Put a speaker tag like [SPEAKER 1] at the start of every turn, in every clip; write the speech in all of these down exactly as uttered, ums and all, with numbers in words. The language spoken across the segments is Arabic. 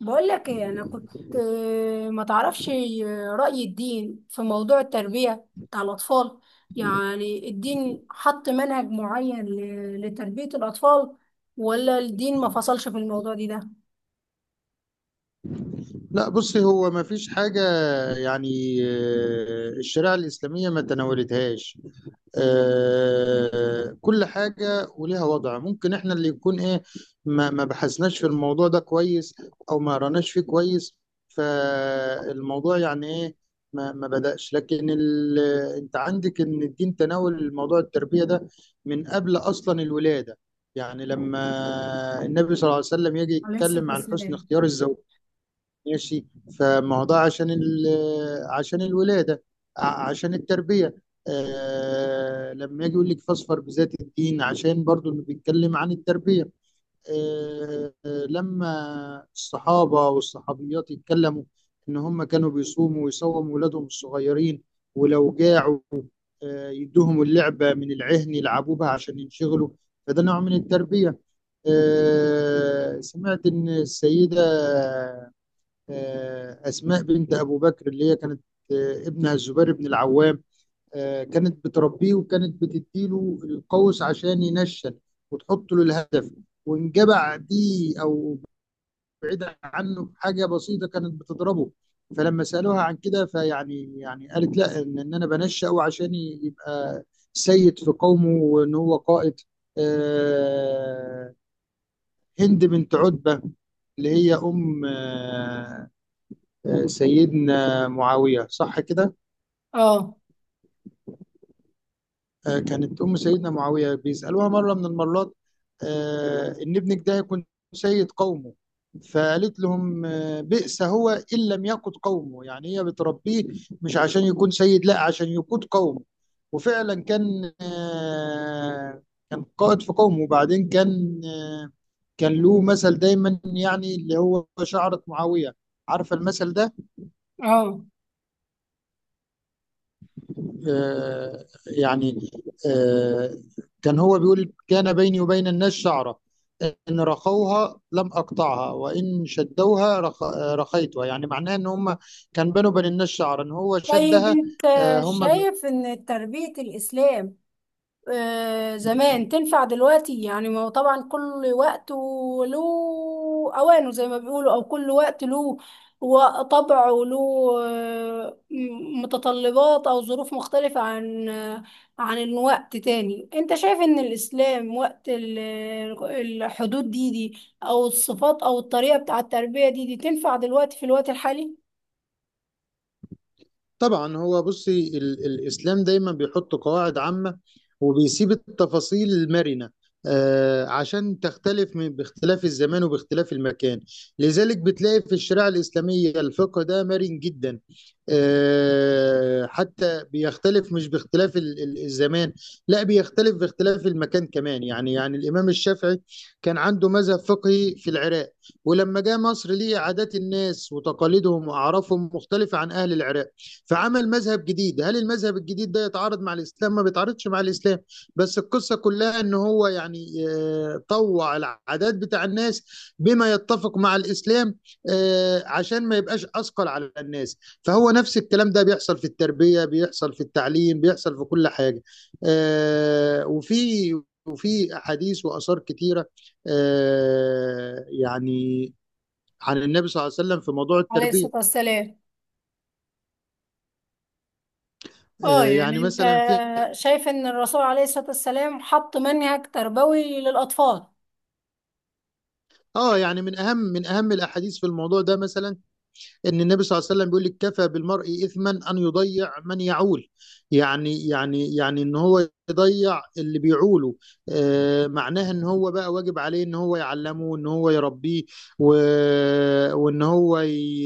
[SPEAKER 1] بقول لك ايه؟ انا كنت آه، ما تعرفش آه، رأي الدين في موضوع التربية بتاع الأطفال؟ يعني الدين حط منهج معين ل- لتربية الأطفال، ولا الدين ما فصلش في الموضوع دي ده؟
[SPEAKER 2] لا، بصي هو ما فيش حاجة. يعني آه، الشريعة الإسلامية ما تناولتهاش. آه، كل حاجة وليها وضع، ممكن احنا اللي يكون ايه، ما ما بحثناش في الموضوع ده كويس، أو ما قرناش فيه كويس. فالموضوع يعني ايه، ما ما بدأش. لكن ال... انت عندك ان الدين تناول موضوع التربية ده من قبل أصلا الولادة. يعني لما النبي صلى الله عليه وسلم يجي
[SPEAKER 1] عليه الصلاة
[SPEAKER 2] يتكلم عن حسن
[SPEAKER 1] والسلام.
[SPEAKER 2] اختيار الزوجين. ماشي. فما هو ده عشان ال عشان الولادة، ع- عشان التربية. آه لما يجي يقول لك فاظفر بذات الدين، عشان برضو اللي بيتكلم عن التربية. آه آه، لما الصحابة والصحابيات يتكلموا إن هم كانوا بيصوموا ويصوموا ولادهم الصغيرين، ولو جاعوا آه يدوهم اللعبة من العهن يلعبوا بها عشان ينشغلوا. فده نوع من التربية. آه سمعت إن السيدة آه، أسماء بنت أبو بكر اللي هي كانت، آه، ابنها الزبير بن العوام، آه، كانت بتربيه وكانت بتديله القوس عشان ينشن وتحط له الهدف، وإن جبع دي أو بعيدة عنه حاجة بسيطة كانت بتضربه. فلما سألوها عن كده فيعني يعني قالت: لا، إن, إن أنا بنشأه عشان يبقى سيد في قومه، وإن هو قائد. آه، هند بنت عتبة اللي هي أم آه، آه، سيدنا معاوية، صح كده؟
[SPEAKER 1] اه.
[SPEAKER 2] آه، كانت أم سيدنا معاوية بيسألوها مرة من المرات آه، إن ابنك ده يكون سيد قومه. فقالت لهم: آه، بئس هو إن لم يقود قومه. يعني هي بتربيه مش عشان يكون سيد، لا عشان يقود قومه. وفعلا كان آه، كان قائد في قومه. وبعدين كان آه، كان له مثل دايما، يعني اللي هو شعرة معاوية، عارفة المثل ده؟
[SPEAKER 1] اه.
[SPEAKER 2] آه، يعني آه، كان هو بيقول: كان بيني وبين الناس شعرة، إن رخوها لم أقطعها، وإن شدوها رخ... آه، رخيتها. يعني معناه إن هم كان بينه وبين الناس شعرة إن هو
[SPEAKER 1] طيب
[SPEAKER 2] شدها.
[SPEAKER 1] انت
[SPEAKER 2] آه، هم بي...
[SPEAKER 1] شايف ان تربية الاسلام آه، زمان تنفع دلوقتي؟ يعني ما هو طبعا كل وقت له اوانه زي ما بيقولوا، او كل وقت له و- طبعه له آه، م- متطلبات او ظروف مختلفة عن آه، عن الوقت تاني. انت شايف ان الاسلام وقت ال- الحدود دي دي او الصفات او الطريقة بتاع التربية دي دي تنفع دلوقتي في الوقت الحالي؟
[SPEAKER 2] طبعا. هو بصي ال الإسلام دايما بيحط قواعد عامة وبيسيب التفاصيل المرنة، آه عشان تختلف من باختلاف الزمان وباختلاف المكان. لذلك بتلاقي في الشريعة الإسلامية الفقه ده مرن جدا. آه حتى بيختلف، مش باختلاف ال ال الزمان، لا، بيختلف باختلاف المكان كمان. يعني يعني الإمام الشافعي كان عنده مذهب فقهي في العراق، ولما جاء مصر، ليه عادات الناس وتقاليدهم وأعرافهم مختلفة عن أهل العراق، فعمل مذهب جديد. هل المذهب الجديد ده يتعارض مع الاسلام؟ ما بيتعارضش مع الاسلام. بس القصه كلها ان هو يعني آه، طوع العادات بتاع الناس بما يتفق مع الاسلام، آه، عشان ما يبقاش اثقل على الناس. فهو نفس الكلام ده بيحصل في التربيه، بيحصل في التعليم، بيحصل في كل حاجه. آه، وفي وفي احاديث واثار كتيره، آه، يعني عن النبي صلى الله عليه وسلم في موضوع
[SPEAKER 1] عليه الصلاة
[SPEAKER 2] التربيه.
[SPEAKER 1] والسلام. اه
[SPEAKER 2] آه، يعني
[SPEAKER 1] يعني انت
[SPEAKER 2] مثلا في
[SPEAKER 1] شايف ان الرسول عليه الصلاة والسلام حط منهج تربوي للأطفال؟
[SPEAKER 2] اه يعني من اهم من اهم الاحاديث في الموضوع ده مثلا، ان النبي صلى الله عليه وسلم بيقول لك: كفى بالمرء اثما ان يضيع من يعول. يعني يعني يعني ان هو يضيع اللي بيعوله. آه معناها ان هو بقى واجب عليه ان هو يعلمه، ان هو يربيه، و... وان هو ي...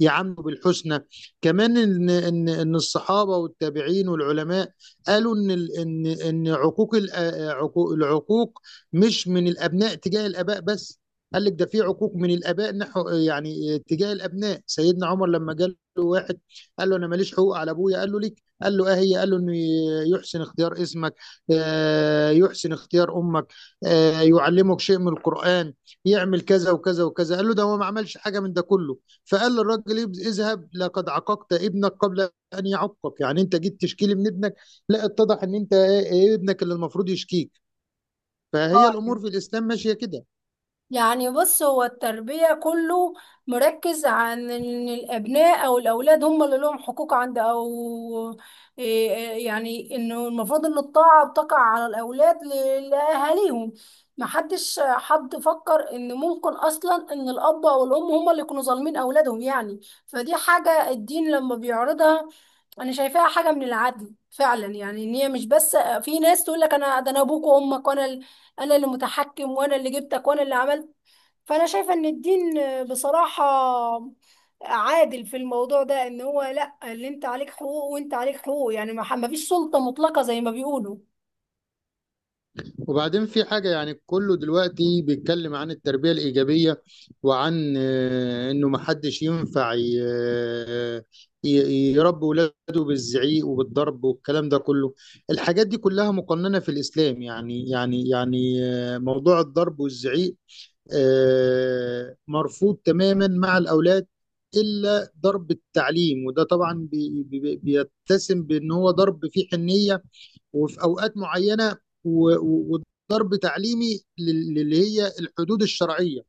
[SPEAKER 2] يعامله بالحسنى. كمان ان ان ان الصحابه والتابعين والعلماء قالوا ان ال... ان ان عقوق الأ- عقوق- العقوق مش من الابناء تجاه الاباء بس، قال لك ده في عقوق من الاباء نحو، يعني تجاه الابناء. سيدنا عمر لما جاء له واحد قال له: انا ماليش حقوق على ابويا. قال له: ليك. قال له: اه، هي؟ قال له: انه يحسن اختيار اسمك، آه، يحسن اختيار امك، آه، يعلمك شيء من القران، يعمل كذا وكذا وكذا. قال له: ده هو ما عملش حاجه من ده كله. فقال للراجل: اذهب، لقد عاقبت ابنك قبل ان يعقك. يعني انت جيت تشكيلي من ابنك؟ لا، اتضح ان انت آه، آه، ابنك اللي المفروض يشكيك. فهي الامور
[SPEAKER 1] اه،
[SPEAKER 2] في الاسلام ماشيه كده.
[SPEAKER 1] يعني بص، هو التربية كله مركز عن ان الابناء او الاولاد هم اللي لهم حقوق عند، او إيه- إيه يعني انه المفروض ان الطاعة بتقع على الاولاد ل- لاهاليهم. محدش حد فكر ان ممكن اصلا ان الاب او الام هم اللي يكونوا ظالمين اولادهم يعني. فدي حاجة الدين لما بيعرضها انا شايفاها حاجه من العدل فعلا، يعني ان هي مش بس، في ناس تقول لك انا ده انا ابوك وامك وانا ال- انا اللي متحكم وانا اللي جبتك وانا اللي عملت. فانا شايفه ان الدين بصراحه عادل في الموضوع ده، ان هو لا، اللي انت عليك حقوق وانت عليك حقوق، يعني ما ح- ما فيش سلطه مطلقه زي ما بيقولوا.
[SPEAKER 2] وبعدين في حاجة. يعني كله دلوقتي بيتكلم عن التربية الإيجابية، وعن آه، إنه محدش ينفع ي- آه، ي- يربي ولاده بالزعيق وبالضرب والكلام ده كله. الحاجات دي كلها مقننة في الإسلام. يعني يعني يعني آه، موضوع الضرب والزعيق آه، مرفوض تماما مع الأولاد، إلا ضرب التعليم. وده طبعا بي- بي- بيتسم بأن هو ضرب فيه حنية، وفي اوقات معينه، و- و- وضرب تعليمي لل- للي هي الحدود الشرعيه،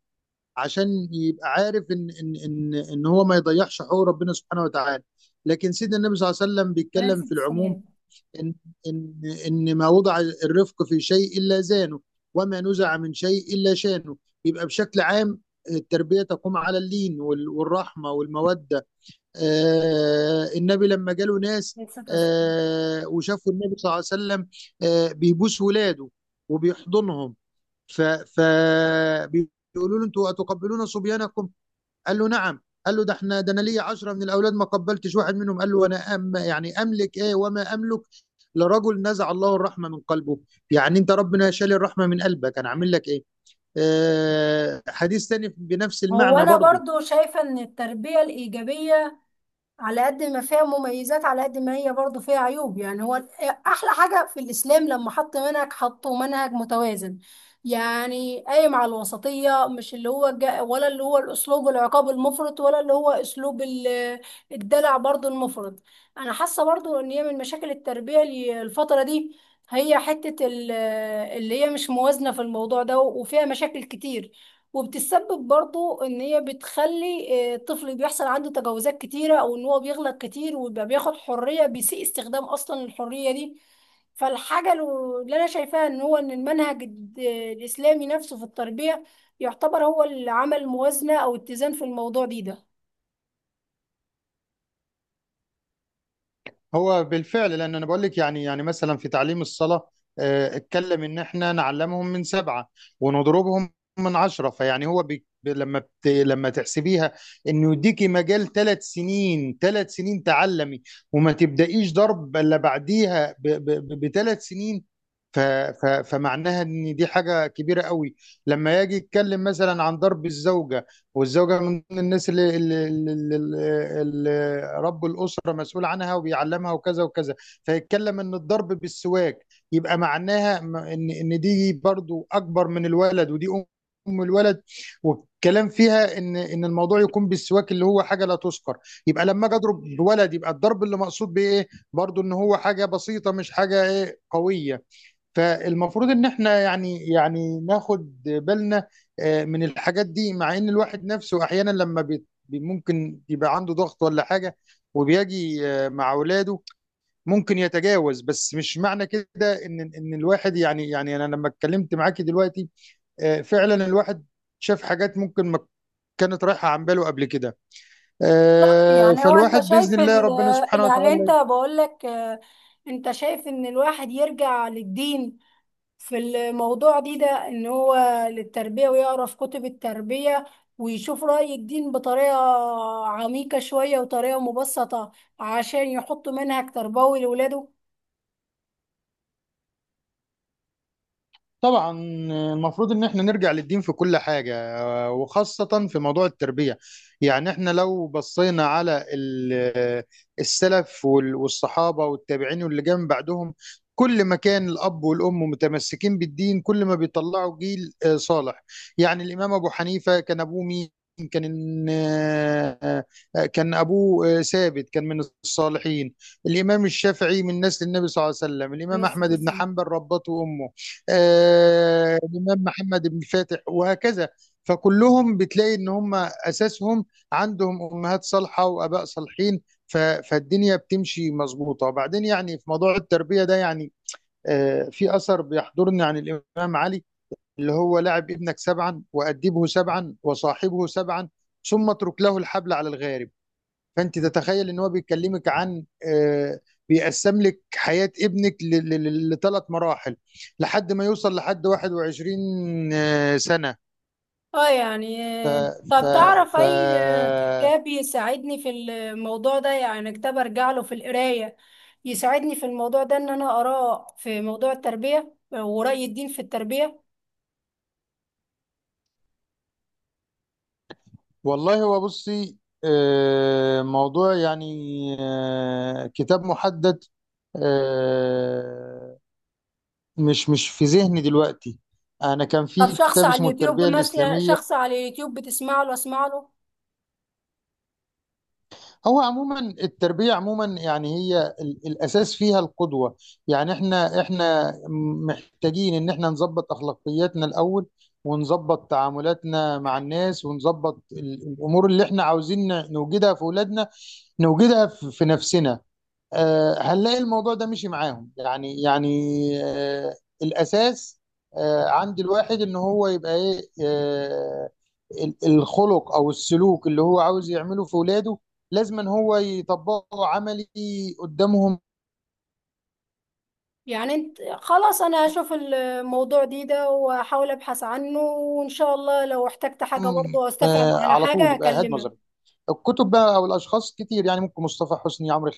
[SPEAKER 2] عشان يبقى عارف ان ان ان ان هو ما يضيعش حقوق ربنا سبحانه وتعالى. لكن سيدنا النبي صلى الله عليه وسلم
[SPEAKER 1] انا
[SPEAKER 2] بيتكلم
[SPEAKER 1] نسيت
[SPEAKER 2] في العموم
[SPEAKER 1] السلام.
[SPEAKER 2] ان ان ان ما وضع الرفق في شيء الا زانه، وما نزع من شيء الا شانه. يبقى بشكل عام التربيه تقوم على اللين وال- والرحمه والموده. آه، النبي لما جاله ناس
[SPEAKER 1] نسيت أصلاً.
[SPEAKER 2] آه، وشافوا النبي صلى الله عليه وسلم آه، بيبوس ولاده وبيحضنهم، ف فبيقولوا له: انتوا اتقبلون صبيانكم؟ قال له: نعم. قال له: ده احنا ده انا ليا عشرة من الاولاد ما قبلتش واحد منهم. قال له: انا أم يعني املك ايه وما املك لرجل نزع الله الرحمه من قلبه؟ يعني انت ربنا شال الرحمه من قلبك، انا عامل لك ايه؟ آه، حديث تاني بنفس
[SPEAKER 1] هو
[SPEAKER 2] المعنى
[SPEAKER 1] انا
[SPEAKER 2] برضه.
[SPEAKER 1] برضو شايفه ان التربيه الايجابيه على قد ما فيها مميزات، على قد ما هي برضو فيها عيوب، يعني هو احلى حاجة في الاسلام لما حط منهج، حطه منهج متوازن، يعني قايم على الوسطية، مش اللي هو جا ولا اللي هو الاسلوب العقاب المفرط ولا اللي هو اسلوب ال- الدلع برضو المفرط. انا حاسة برضو ان هي من مشاكل التربية ال- الفترة دي هي حتة ال- اللي هي مش موازنة في الموضوع ده، وفيها مشاكل كتير، وبتسبب برضو ان هي بتخلي آه، الطفل بيحصل عنده تجاوزات كتيرة، او ان هو بيغلط كتير ويبقى بياخد حرية، بيسيء استخدام اصلا الحرية دي. فالحاجة الو- اللي انا شايفاها ان هو ان المنهج الد- الاسلامي نفسه في التربية يعتبر هو اللي عمل موازنة او اتزان في الموضوع دي ده.
[SPEAKER 2] هو بالفعل، لان انا بقول لك، يعني يعني مثلا في تعليم الصلاه آه، اتكلم ان احنا نعلمهم من سبعه ونضربهم من عشره. فيعني هو بي ب- لما بت لما تحسبيها، انه يديكي مجال ثلاث سنين، ثلاث سنين تعلمي، وما تبدايش ضرب الا بعديها بثلاث سنين. ف ف فمعناها ان دي حاجه كبيره قوي. لما يجي يتكلم مثلا عن ضرب الزوجه، والزوجة من الناس اللي اللي اللي اللي اللي رب الأسرة مسؤول عنها وبيعلمها وكذا وكذا، فيتكلم إن الضرب بالسواك. يبقى معناها م- إن إن دي برضو أكبر من الولد، ودي أم أم الولد. والكلام فيها إن إن الموضوع يكون بالسواك، اللي هو حاجة لا تذكر. يبقى لما أجي أضرب بولد، يبقى الضرب اللي مقصود بإيه؟ برضو إن هو حاجة بسيطة، مش حاجة إيه قوية. فالمفروض ان احنا يعني يعني ناخد بالنا آه، من الحاجات دي. مع ان الواحد نفسه احيانا لما بي بي- ممكن يبقى عنده ضغط ولا حاجة، وبيجي آه، مع اولاده ممكن يتجاوز. بس مش معنى كده ان ان الواحد يعني، يعني انا لما اتكلمت معاكي دلوقتي آه، فعلا الواحد شاف حاجات ممكن ما كانت رايحة عن باله قبل كده.
[SPEAKER 1] بالظبط.
[SPEAKER 2] آه،
[SPEAKER 1] يعني هو انت
[SPEAKER 2] فالواحد
[SPEAKER 1] شايف
[SPEAKER 2] بإذن الله
[SPEAKER 1] ال-
[SPEAKER 2] ربنا سبحانه
[SPEAKER 1] يعني انت
[SPEAKER 2] وتعالى.
[SPEAKER 1] بقول لك، آه، انت شايف ان الواحد يرجع للدين في الموضوع دي ده، ان هو للتربية، ويقرا في كتب التربية ويشوف رأي الدين بطريقة عميقة شوية وطريقة مبسطة عشان يحط منهج تربوي لولاده؟
[SPEAKER 2] طبعا. آه، المفروض ان احنا نرجع للدين في كل حاجة، وخاصة في موضوع التربية. يعني احنا لو بصينا على ال- السلف وال- والصحابة والتابعين واللي جم بعدهم، كل ما كان الأب والأم متمسكين بالدين كل ما بيطلعوا جيل آه، صالح. يعني الإمام أبو حنيفة كان أبوه مين؟ كان آه، آه، كان أبوه آه، ثابت، كان من الصالحين. الإمام الشافعي من نسل النبي صلى الله عليه وسلم. الإمام
[SPEAKER 1] بس
[SPEAKER 2] أحمد بن
[SPEAKER 1] تسلم.
[SPEAKER 2] حنبل ربته أمه. آه، الإمام محمد بن فاتح، وهكذا. فكلهم بتلاقي ان هم اساسهم عندهم امهات صالحه واباء صالحين. ف- فالدنيا بتمشي مظبوطه. وبعدين يعني في موضوع التربيه ده، يعني آه، في اثر بيحضرني عن الامام علي، اللي هو: لعب ابنك سبعا، وادبه سبعا، وصاحبه سبعا، ثم اترك له الحبل على الغارب. فانت تتخيل ان هو بيكلمك عن آه، بيقسم لك حياه ابنك لثلاث مراحل، لحد ما يوصل لحد واحد وعشرين سنه.
[SPEAKER 1] اه يعني،
[SPEAKER 2] ف
[SPEAKER 1] آه،
[SPEAKER 2] ف
[SPEAKER 1] طب تعرف
[SPEAKER 2] ف
[SPEAKER 1] اي آه، كتاب يساعدني في الموضوع ده؟ يعني كتاب ارجع له في القراية يساعدني في الموضوع ده، ان انا اقراه في موضوع التربية ورأي الدين في التربية.
[SPEAKER 2] والله، هو بصي آه، موضوع، يعني آه، كتاب محدد آه، مش مش في ذهني دلوقتي. انا كان
[SPEAKER 1] طب
[SPEAKER 2] في
[SPEAKER 1] شخص
[SPEAKER 2] كتاب
[SPEAKER 1] على
[SPEAKER 2] اسمه
[SPEAKER 1] اليوتيوب
[SPEAKER 2] التربية
[SPEAKER 1] مثلا،
[SPEAKER 2] الإسلامية.
[SPEAKER 1] شخص على اليوتيوب بتسمع له اسمع له؟
[SPEAKER 2] هو عموما التربية عموما يعني هي ال- الأساس فيها القدوة. يعني احنا احنا محتاجين ان احنا نظبط أخلاقياتنا الأول، ونظبط تعاملاتنا مع الناس، ونظبط ال- الأمور اللي احنا عاوزين نوجدها في أولادنا، نوجدها في في نفسنا. آه، هنلاقي الموضوع ده مشي معاهم. يعني يعني آه، الأساس آه، عند الواحد إن هو يبقى إيه، آه، ال- الخلق أو السلوك اللي هو عاوز يعمله في ولاده لازم إن هو يطبقه عملي قدامهم.
[SPEAKER 1] يعني انت خلاص، انا هشوف الموضوع دي ده واحاول ابحث عنه، وان شاء الله لو احتجت حاجة برضه او استفهم
[SPEAKER 2] آه،
[SPEAKER 1] على
[SPEAKER 2] على طول.
[SPEAKER 1] حاجة
[SPEAKER 2] يبقى هاد نظري.
[SPEAKER 1] هكلمك.
[SPEAKER 2] الكتب بقى أو الأشخاص كتير، يعني ممكن مصطفى حسني، عمرو